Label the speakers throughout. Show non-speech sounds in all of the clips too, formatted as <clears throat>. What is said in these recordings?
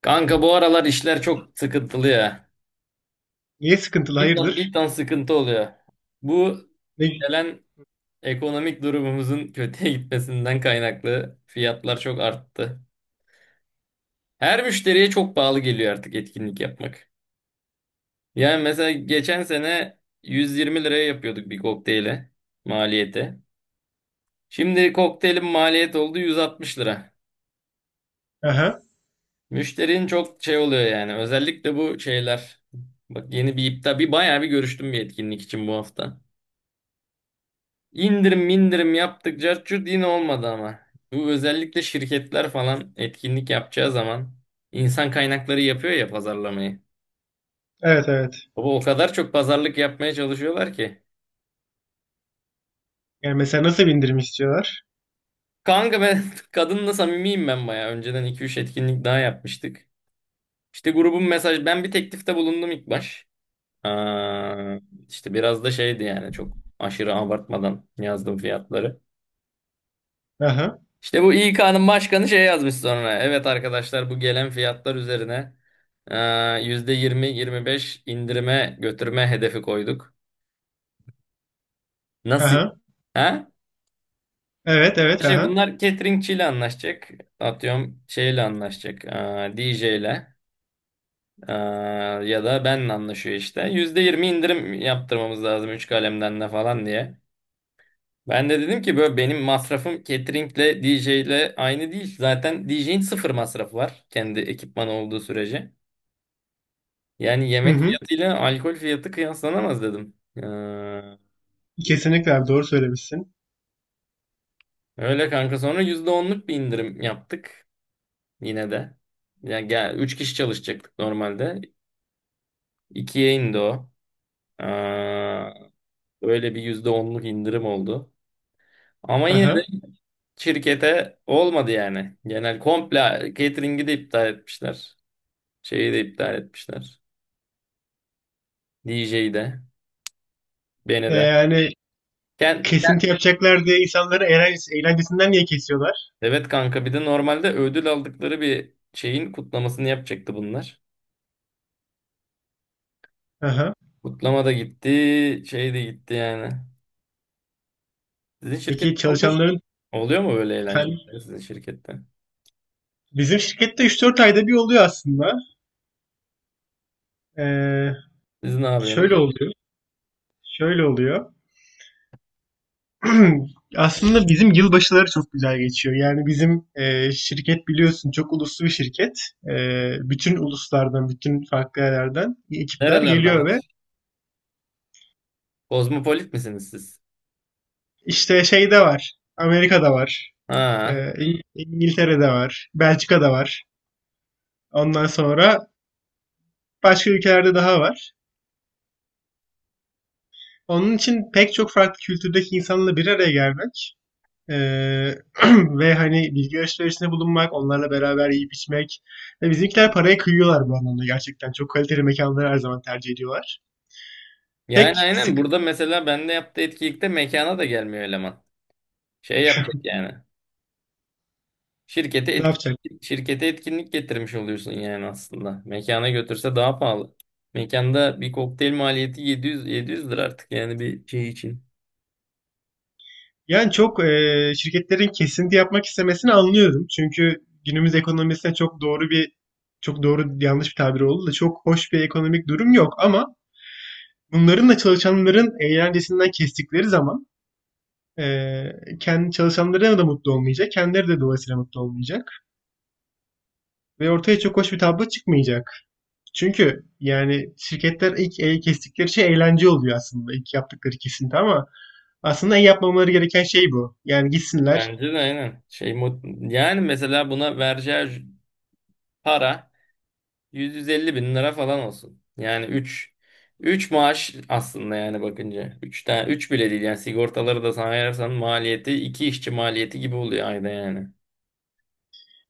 Speaker 1: Kanka bu aralar işler çok sıkıntılı ya.
Speaker 2: Niye sıkıntılı?
Speaker 1: Bir tan, bir
Speaker 2: Hayırdır?
Speaker 1: tan sıkıntı oluyor. Bu
Speaker 2: Ne?
Speaker 1: gelen ekonomik durumumuzun <laughs> kötüye gitmesinden kaynaklı fiyatlar çok arttı. Her müşteriye çok pahalı geliyor artık etkinlik yapmak. Yani mesela geçen sene 120 liraya yapıyorduk bir kokteyle maliyeti. Şimdi kokteylin maliyeti oldu 160 lira.
Speaker 2: Aha.
Speaker 1: Müşterinin çok şey oluyor yani. Özellikle bu şeyler. Bak yeni bir iptal, bir bayağı bir görüştüm bir etkinlik için bu hafta. İndirim indirim yaptık cart curt yine olmadı ama. Bu özellikle şirketler falan etkinlik yapacağı zaman insan kaynakları yapıyor ya pazarlamayı.
Speaker 2: Evet evet.
Speaker 1: Baba o kadar çok pazarlık yapmaya çalışıyorlar ki.
Speaker 2: Yani mesela nasıl bir indirim istiyorlar?
Speaker 1: Kanka ben <laughs> kadınla samimiyim ben baya. Önceden iki üç etkinlik daha yapmıştık. İşte grubun mesaj ben bir teklifte bulundum ilk baş. Aa, işte biraz da şeydi yani çok aşırı abartmadan yazdım fiyatları.
Speaker 2: Aha.
Speaker 1: İşte bu İK'nın başkanı şey yazmış sonra. Evet arkadaşlar bu gelen fiyatlar üzerine eee, %20-25 indirime götürme hedefi koyduk. Nasıl?
Speaker 2: Aha.
Speaker 1: Ha?
Speaker 2: Evet evet
Speaker 1: Şey
Speaker 2: aha.
Speaker 1: bunlar cateringçiyle anlaşacak. Atıyorum şeyle anlaşacak. DJ ile eee, ya da benle anlaşıyor işte. %20 indirim yaptırmamız lazım 3 kalemden de falan diye. Ben de dedim ki böyle benim masrafım cateringle DJ ile aynı değil. Zaten DJ'in sıfır masrafı var. Kendi ekipmanı olduğu sürece. Yani
Speaker 2: Hı
Speaker 1: yemek
Speaker 2: hı.
Speaker 1: fiyatıyla alkol fiyatı kıyaslanamaz dedim.
Speaker 2: Kesinlikle abi doğru söylemişsin.
Speaker 1: Öyle kanka sonra %10'luk bir indirim yaptık yine de. Yani 3 kişi çalışacaktık normalde. İkiye indi o. Ee, Öyle bir %10'luk indirim oldu. Ama yine de
Speaker 2: Aha.
Speaker 1: şirkete olmadı yani. Genel komple catering'i de iptal etmişler. Şeyi de iptal etmişler. DJ'yi de. Beni de.
Speaker 2: Yani
Speaker 1: Ken,
Speaker 2: kesinti yapacaklar diye insanları eğlencesinden niye kesiyorlar?
Speaker 1: evet kanka bir de normalde ödül aldıkları bir şeyin kutlamasını yapacaktı bunlar.
Speaker 2: Aha.
Speaker 1: Kutlama da gitti, şey de gitti yani. Sizin
Speaker 2: Peki
Speaker 1: şirkette oluyor mu?
Speaker 2: çalışanların
Speaker 1: Oluyor mu böyle eğlenceler
Speaker 2: hani
Speaker 1: sizin şirkette?
Speaker 2: bizim şirkette 3-4 ayda bir oluyor aslında. E,
Speaker 1: Siz ne
Speaker 2: Şöyle
Speaker 1: yapıyorsunuz?
Speaker 2: oluyor. Şöyle oluyor. <clears throat> Aslında bizim yılbaşıları çok güzel geçiyor. Yani bizim şirket biliyorsun çok uluslu bir şirket. E, Bütün uluslardan, bütün farklı yerlerden ekipler
Speaker 1: Nerelerden
Speaker 2: geliyor ve
Speaker 1: var? Kozmopolit misiniz siz?
Speaker 2: işte şeyde var. Amerika'da var. E,
Speaker 1: Ha.
Speaker 2: İngiltere'de var. Belçika'da var. Ondan sonra başka ülkelerde daha var. Onun için pek çok farklı kültürdeki insanla bir araya gelmek, Eee, <clears throat> <laughs> ve hani bilgi alışverişinde bulunmak, onlarla beraber yiyip içmek. Ve bizimkiler paraya kıyıyorlar bu anlamda gerçekten. Çok kaliteli mekanları her zaman tercih ediyorlar.
Speaker 1: Yani
Speaker 2: Tek
Speaker 1: aynen
Speaker 2: sık
Speaker 1: burada mesela bende yaptığı etkinlikte mekana da gelmiyor eleman. Şey yapacak yani. Şirkete
Speaker 2: ne yapacak?
Speaker 1: etkinlik, şirkete etkinlik getirmiş oluyorsun yani aslında. Mekana götürse daha pahalı. Mekanda bir kokteyl maliyeti 700 lira artık yani bir şey için.
Speaker 2: Yani çok, şirketlerin kesinti yapmak istemesini anlıyorum. Çünkü günümüz ekonomisine çok doğru yanlış bir tabir oldu da, çok hoş bir ekonomik durum yok, ama bunların da çalışanların eğlencesinden kestikleri zaman kendi çalışanları da mutlu olmayacak, kendileri de dolayısıyla mutlu olmayacak. Ve ortaya çok hoş bir tablo çıkmayacak. Çünkü yani şirketler ilk el kestikleri şey eğlence oluyor aslında. İlk yaptıkları kesinti ama aslında en yapmamaları gereken şey bu. Yani gitsinler.
Speaker 1: Bence de aynen. Yani mesela buna vergi para 150 bin lira falan olsun. Yani üç maaş aslında yani bakınca. 3 tane 3 bile değil yani sigortaları da sayarsan maliyeti 2 işçi maliyeti gibi oluyor ayda yani.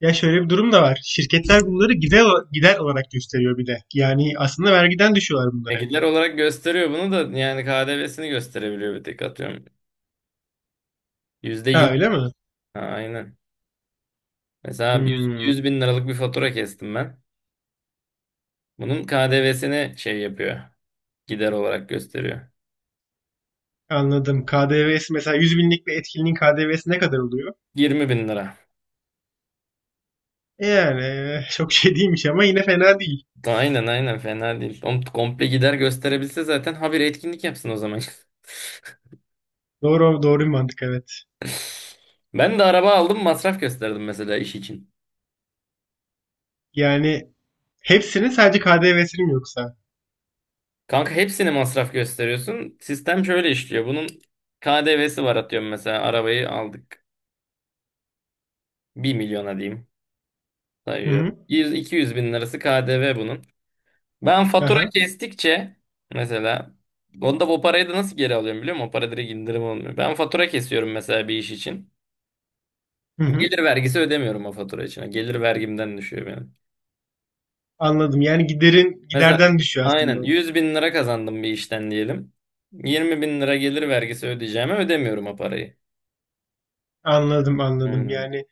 Speaker 2: Ya şöyle bir durum da var. Şirketler bunları gider olarak gösteriyor bir de. Yani aslında vergiden düşüyorlar bunları hep.
Speaker 1: Gider olarak gösteriyor bunu da yani KDV'sini gösterebiliyor bir tek atıyorum.
Speaker 2: Ha,
Speaker 1: %20.
Speaker 2: öyle mi?
Speaker 1: Ha, aynen. Mesela
Speaker 2: Hmm,
Speaker 1: 100 bin liralık bir fatura kestim ben. Bunun KDV'sini şey yapıyor. Gider olarak gösteriyor.
Speaker 2: anladım. KDV'si, mesela 100 binlik bir etkinliğin KDV'si ne kadar oluyor?
Speaker 1: 20 bin lira.
Speaker 2: Yani, <laughs> çok şey değilmiş ama yine fena değil.
Speaker 1: Aynen aynen fena değil. Oğlum komple gider gösterebilse zaten habire etkinlik yapsın o zaman.
Speaker 2: Doğru, doğru bir mantık, evet.
Speaker 1: <laughs> Ben de araba aldım masraf gösterdim mesela iş için.
Speaker 2: Yani hepsinin sadece KDV'sini mi, yoksa?
Speaker 1: Kanka hepsini masraf gösteriyorsun. Sistem şöyle işliyor. Bunun KDV'si var atıyorum mesela arabayı aldık. Bir milyona diyeyim
Speaker 2: Hı
Speaker 1: sayıyorum.
Speaker 2: hı.
Speaker 1: 100-200 bin lirası KDV bunun. Ben fatura
Speaker 2: Aha.
Speaker 1: kestikçe mesela onda o parayı da nasıl geri alıyorum biliyor musun? O para direkt indirim olmuyor. Ben fatura kesiyorum mesela bir iş için.
Speaker 2: Hı hı.
Speaker 1: Gelir vergisi ödemiyorum o fatura için. Gelir vergimden düşüyor benim.
Speaker 2: Anladım. Yani giderin
Speaker 1: Mesela
Speaker 2: giderden düşüyor
Speaker 1: aynen
Speaker 2: aslında.
Speaker 1: 100 bin lira kazandım bir işten diyelim. 20 bin lira gelir vergisi ödeyeceğime ödemiyorum o parayı.
Speaker 2: Anladım, anladım.
Speaker 1: Aynen.
Speaker 2: Yani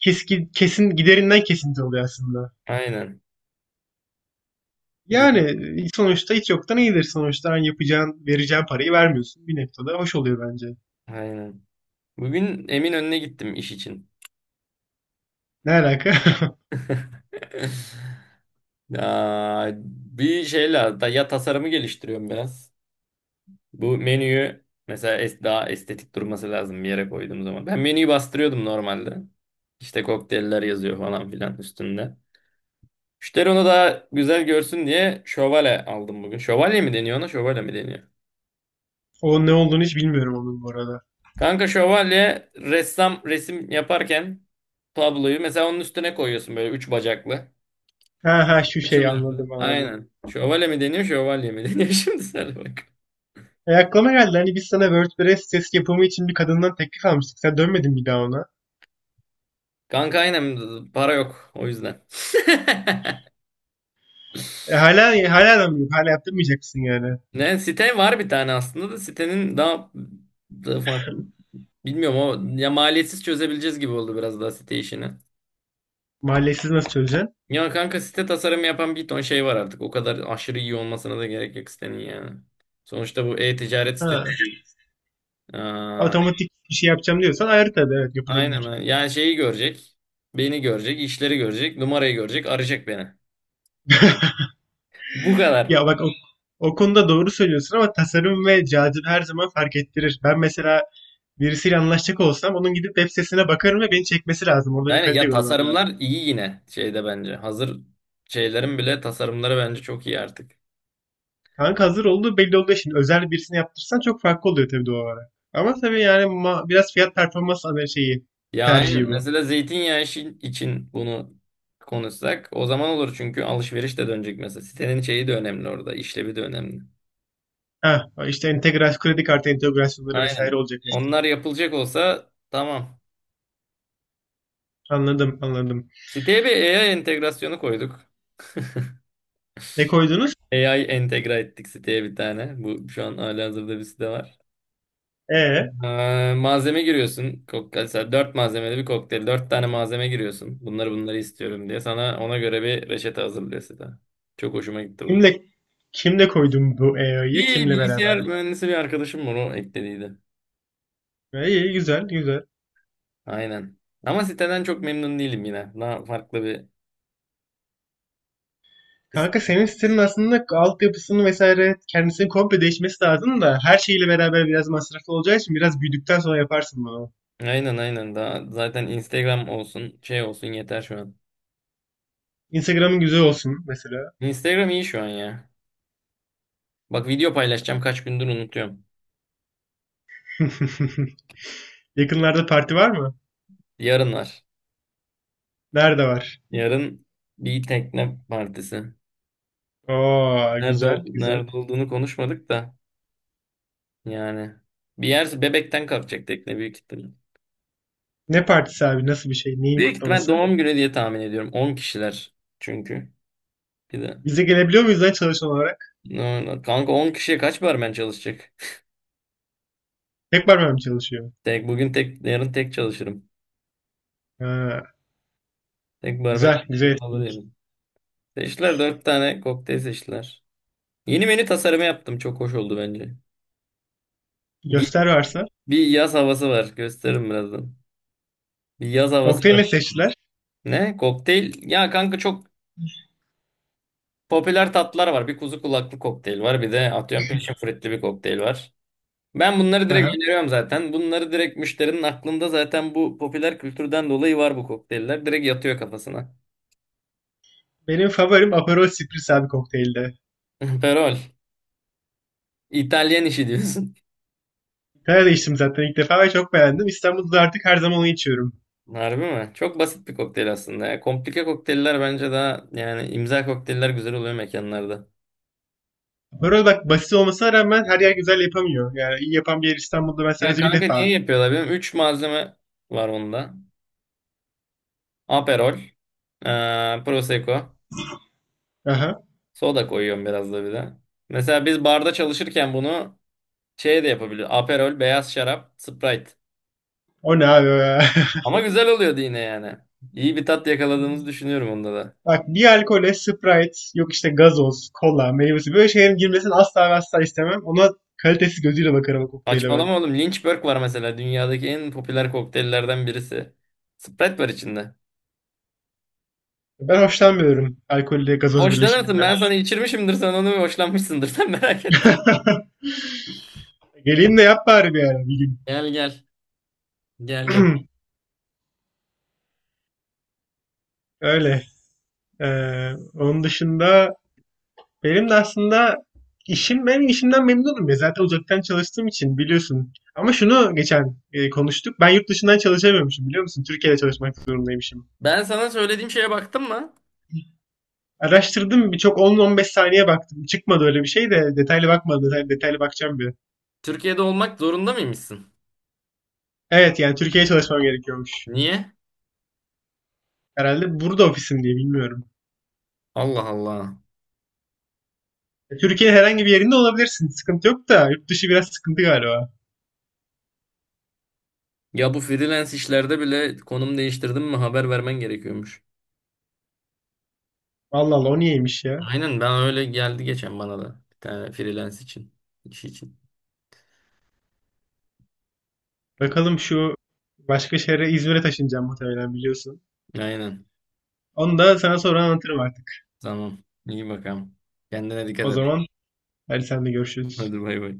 Speaker 2: kesin kesin giderinden kesinti oluyor aslında.
Speaker 1: Aynen. Ge-
Speaker 2: Yani sonuçta hiç yoktan iyidir. Sonuçta hani yapacağın, vereceğin parayı vermiyorsun. Bir noktada hoş oluyor bence.
Speaker 1: Aynen. Bugün Eminönü'ne gittim iş için.
Speaker 2: Ne alaka? <laughs>
Speaker 1: <laughs> Ya, bir şeyle da ya tasarımı geliştiriyorum biraz. Bu menüyü mesela daha estetik durması lazım bir yere koyduğum zaman. Ben menüyü bastırıyordum normalde. İşte kokteyller yazıyor falan filan üstünde. Müşteri onu daha güzel görsün diye şövalye aldım bugün. Şövalye mi deniyor ona? Şövalye mi deniyor?
Speaker 2: O ne olduğunu hiç bilmiyorum onun bu arada.
Speaker 1: Kanka şövalye ressam resim yaparken tabloyu mesela onun üstüne koyuyorsun böyle üç bacaklı.
Speaker 2: Ha ha, şu şey,
Speaker 1: Açılıyor böyle.
Speaker 2: anladım anladım.
Speaker 1: Aynen. Şövalye mi deniyor, şövalye mi deniyor? <laughs> Şimdi sen bak.
Speaker 2: Aklıma geldi, hani biz sana WordPress sitesi yapımı için bir kadından teklif almıştık. Sen dönmedin bir daha ona.
Speaker 1: Kanka aynen para yok o yüzden. <laughs>
Speaker 2: Hala da mı yok? Hala yaptırmayacak mısın yani?
Speaker 1: Ne site var bir tane aslında da sitenin daha farklı. Bilmiyorum ama ya maliyetsiz çözebileceğiz gibi oldu biraz daha site işini.
Speaker 2: Mahallesiz nasıl çözeceksin?
Speaker 1: Ya kanka site tasarımı yapan bir ton şey var artık. O kadar aşırı iyi olmasına da gerek yok sitenin yani. Sonuçta bu e-ticaret sitesi
Speaker 2: Ha.
Speaker 1: değil. Aa,
Speaker 2: Otomatik bir şey yapacağım diyorsan ayrı tabii, evet,
Speaker 1: aynen
Speaker 2: yapılabilir.
Speaker 1: aynen. Yani şeyi görecek. Beni görecek, işleri görecek, numarayı görecek, arayacak beni. Bu kadar.
Speaker 2: Ya bak, o konuda doğru söylüyorsun ama tasarım ve cazibe her zaman fark ettirir. Ben mesela birisiyle anlaşacak olsam onun gidip web sitesine bakarım ve beni çekmesi lazım. Orada bir
Speaker 1: Aynen
Speaker 2: kalite
Speaker 1: ya
Speaker 2: görmem
Speaker 1: tasarımlar
Speaker 2: lazım.
Speaker 1: iyi yine şeyde bence. Hazır şeylerin bile tasarımları bence çok iyi artık.
Speaker 2: Kanka hazır olduğu belli olduğu için özel birisini yaptırsan çok farklı oluyor tabii, doğal olarak. Ama tabii yani biraz fiyat performans şeyi,
Speaker 1: Ya aynen.
Speaker 2: tercihi bu.
Speaker 1: Mesela zeytinyağı işi için bunu konuşsak o zaman olur çünkü alışveriş de dönecek mesela. Sitenin şeyi de önemli orada, işlevi de önemli.
Speaker 2: Ha, işte entegrasyon, kredi kartı entegrasyonları vesaire
Speaker 1: Aynen.
Speaker 2: olacak
Speaker 1: Onlar
Speaker 2: mesela.
Speaker 1: yapılacak olsa tamam.
Speaker 2: Anladım, anladım.
Speaker 1: Siteye bir AI entegrasyonu koyduk.
Speaker 2: Ne koydunuz?
Speaker 1: AI entegre ettik siteye bir tane. Bu şu an halihazırda bir site var.
Speaker 2: E
Speaker 1: Malzeme giriyorsun. Kokteyl, mesela 4 malzemeli bir kokteyl. Dört tane malzeme giriyorsun. Bunları istiyorum diye. Sana ona göre bir reçete hazırlıyor site. Çok hoşuma gitti bu.
Speaker 2: Kimle kimle koydun bu EO'yu?
Speaker 1: Bir
Speaker 2: Kimle
Speaker 1: bilgisayar
Speaker 2: beraber?
Speaker 1: mühendisi bir arkadaşım var o eklediydi.
Speaker 2: İyi, iyi, güzel, güzel.
Speaker 1: Aynen. Ama siteden çok memnun değilim yine. Daha farklı bir.
Speaker 2: Kanka senin sitenin aslında altyapısını vesaire kendisini komple değişmesi lazım da her şeyle beraber biraz masraflı olacağı için biraz büyüdükten sonra yaparsın bunu.
Speaker 1: Aynen aynen. Daha zaten Instagram olsun, şey olsun yeter şu an.
Speaker 2: Instagram'ın güzel olsun mesela.
Speaker 1: Instagram iyi şu an ya. Bak video paylaşacağım kaç gündür unutuyorum.
Speaker 2: <laughs> Yakınlarda parti var mı?
Speaker 1: Yarın var.
Speaker 2: Nerede var?
Speaker 1: Yarın bir tekne partisi.
Speaker 2: Oo, güzel, güzel.
Speaker 1: Nerede olduğunu konuşmadık da yani. Bir yer Bebek'ten kalkacak tekne büyük ihtimal.
Speaker 2: Ne partisi abi? Nasıl bir şey? Neyin
Speaker 1: Büyük ihtimal
Speaker 2: kutlaması?
Speaker 1: doğum günü diye tahmin ediyorum. 10 kişiler çünkü. Bir de.
Speaker 2: Bize gelebiliyor muyuz lan çalışan olarak?
Speaker 1: No, kanka 10 kişiye kaç barmen çalışacak?
Speaker 2: Tek parmağım çalışıyor.
Speaker 1: <laughs> Tek bugün tek yarın tek çalışırım.
Speaker 2: Ha,
Speaker 1: Tek barmen
Speaker 2: güzel, güzel
Speaker 1: şeklinde olur
Speaker 2: etkinlik.
Speaker 1: yani. Dört tane kokteyl seçtiler. Yeni menü tasarımı yaptım. Çok hoş oldu bence. Bir,
Speaker 2: Göster varsa.
Speaker 1: bir yaz havası var. Gösteririm birazdan. Bir yaz havası
Speaker 2: Kokteyl
Speaker 1: var.
Speaker 2: ne seçtiler?
Speaker 1: Ne? Kokteyl. Ya kanka çok popüler tatlılar var. Bir kuzu kulaklı kokteyl var. Bir de atıyorum peşin fruitli bir kokteyl var. Ben bunları direkt
Speaker 2: Aha.
Speaker 1: öneriyorum zaten. Bunları direkt müşterinin aklında zaten bu popüler kültürden dolayı var bu kokteyller. Direkt yatıyor kafasına.
Speaker 2: Benim favorim Aperol Spritz abi, kokteylde.
Speaker 1: <laughs> Perol. İtalyan işi diyorsun.
Speaker 2: İtalya'da içtim zaten ilk defa ve çok beğendim. İstanbul'da da artık her zaman onu içiyorum.
Speaker 1: Harbi mi? Çok basit bir kokteyl aslında ya. Komplike kokteyller bence daha yani imza kokteyller güzel oluyor mekanlarda.
Speaker 2: Aperol bak basit olmasına rağmen her yer güzel yapamıyor. Yani iyi yapan bir yer İstanbul'da, ben
Speaker 1: Ya
Speaker 2: sadece bir
Speaker 1: kanka niye
Speaker 2: defa.
Speaker 1: yapıyorlar? Benim 3 malzeme var onda. Aperol, Prosecco,
Speaker 2: Aha.
Speaker 1: soda koyuyorum biraz da bir de. Mesela biz barda çalışırken bunu şey de yapabiliyoruz. Aperol, beyaz şarap, Sprite.
Speaker 2: O ne abi ya? <laughs>
Speaker 1: Ama güzel oluyordu yine yani. İyi bir tat yakaladığımızı düşünüyorum onda da.
Speaker 2: Bak, bir alkole Sprite, yok işte gazoz, kola, meyvesi, böyle şeylerin girmesini asla ve asla istemem. Ona kalitesiz gözüyle bakarım o kokteyle ben.
Speaker 1: Saçmalama oğlum. Lynchburg var mesela. Dünyadaki en popüler kokteyllerden birisi. Sprite var içinde.
Speaker 2: Ben hoşlanmıyorum alkolle gazoz
Speaker 1: Hoşlanırsın.
Speaker 2: birleşiminden.
Speaker 1: Ben sana içirmişimdir. Sen onu hoşlanmışsındır. <laughs> Sen merak etme.
Speaker 2: <laughs> Geleyim de yap bari bir ara bir gün.
Speaker 1: Gel gel. Gel yap.
Speaker 2: <clears throat> <laughs> Öyle. Onun dışında, benim de aslında işim, ben işimden memnunum ya. Zaten uzaktan çalıştığım için biliyorsun. Ama şunu geçen konuştuk. Ben yurt dışından çalışamıyormuşum, biliyor musun? Türkiye'de çalışmak zorundaymışım.
Speaker 1: Ben sana söylediğim şeye baktın mı?
Speaker 2: Araştırdım, birçok 10-15 saniye baktım. Çıkmadı öyle bir şey de detaylı bakmadım. Detaylı, detaylı bakacağım bir.
Speaker 1: Türkiye'de olmak zorunda mıymışsın?
Speaker 2: Evet yani Türkiye'ye çalışmam gerekiyormuş.
Speaker 1: Niye?
Speaker 2: Herhalde burada ofisim diye, bilmiyorum.
Speaker 1: Allah Allah.
Speaker 2: Türkiye herhangi bir yerinde olabilirsin. Sıkıntı yok da yurt dışı biraz sıkıntı galiba.
Speaker 1: Ya bu freelance işlerde bile konum değiştirdim mi haber vermen gerekiyormuş.
Speaker 2: Vallahi Allah, o niyeymiş ya.
Speaker 1: Aynen ben öyle geldi geçen bana da. Bir tane freelance için iş için.
Speaker 2: Bakalım şu, başka şehre, İzmir'e taşınacağım muhtemelen, biliyorsun.
Speaker 1: Aynen.
Speaker 2: Onu da sana sonra anlatırım artık.
Speaker 1: Tamam. İyi bakalım. Kendine dikkat
Speaker 2: O
Speaker 1: et.
Speaker 2: zaman hadi, sen de görüşürüz.
Speaker 1: Hadi bay bay.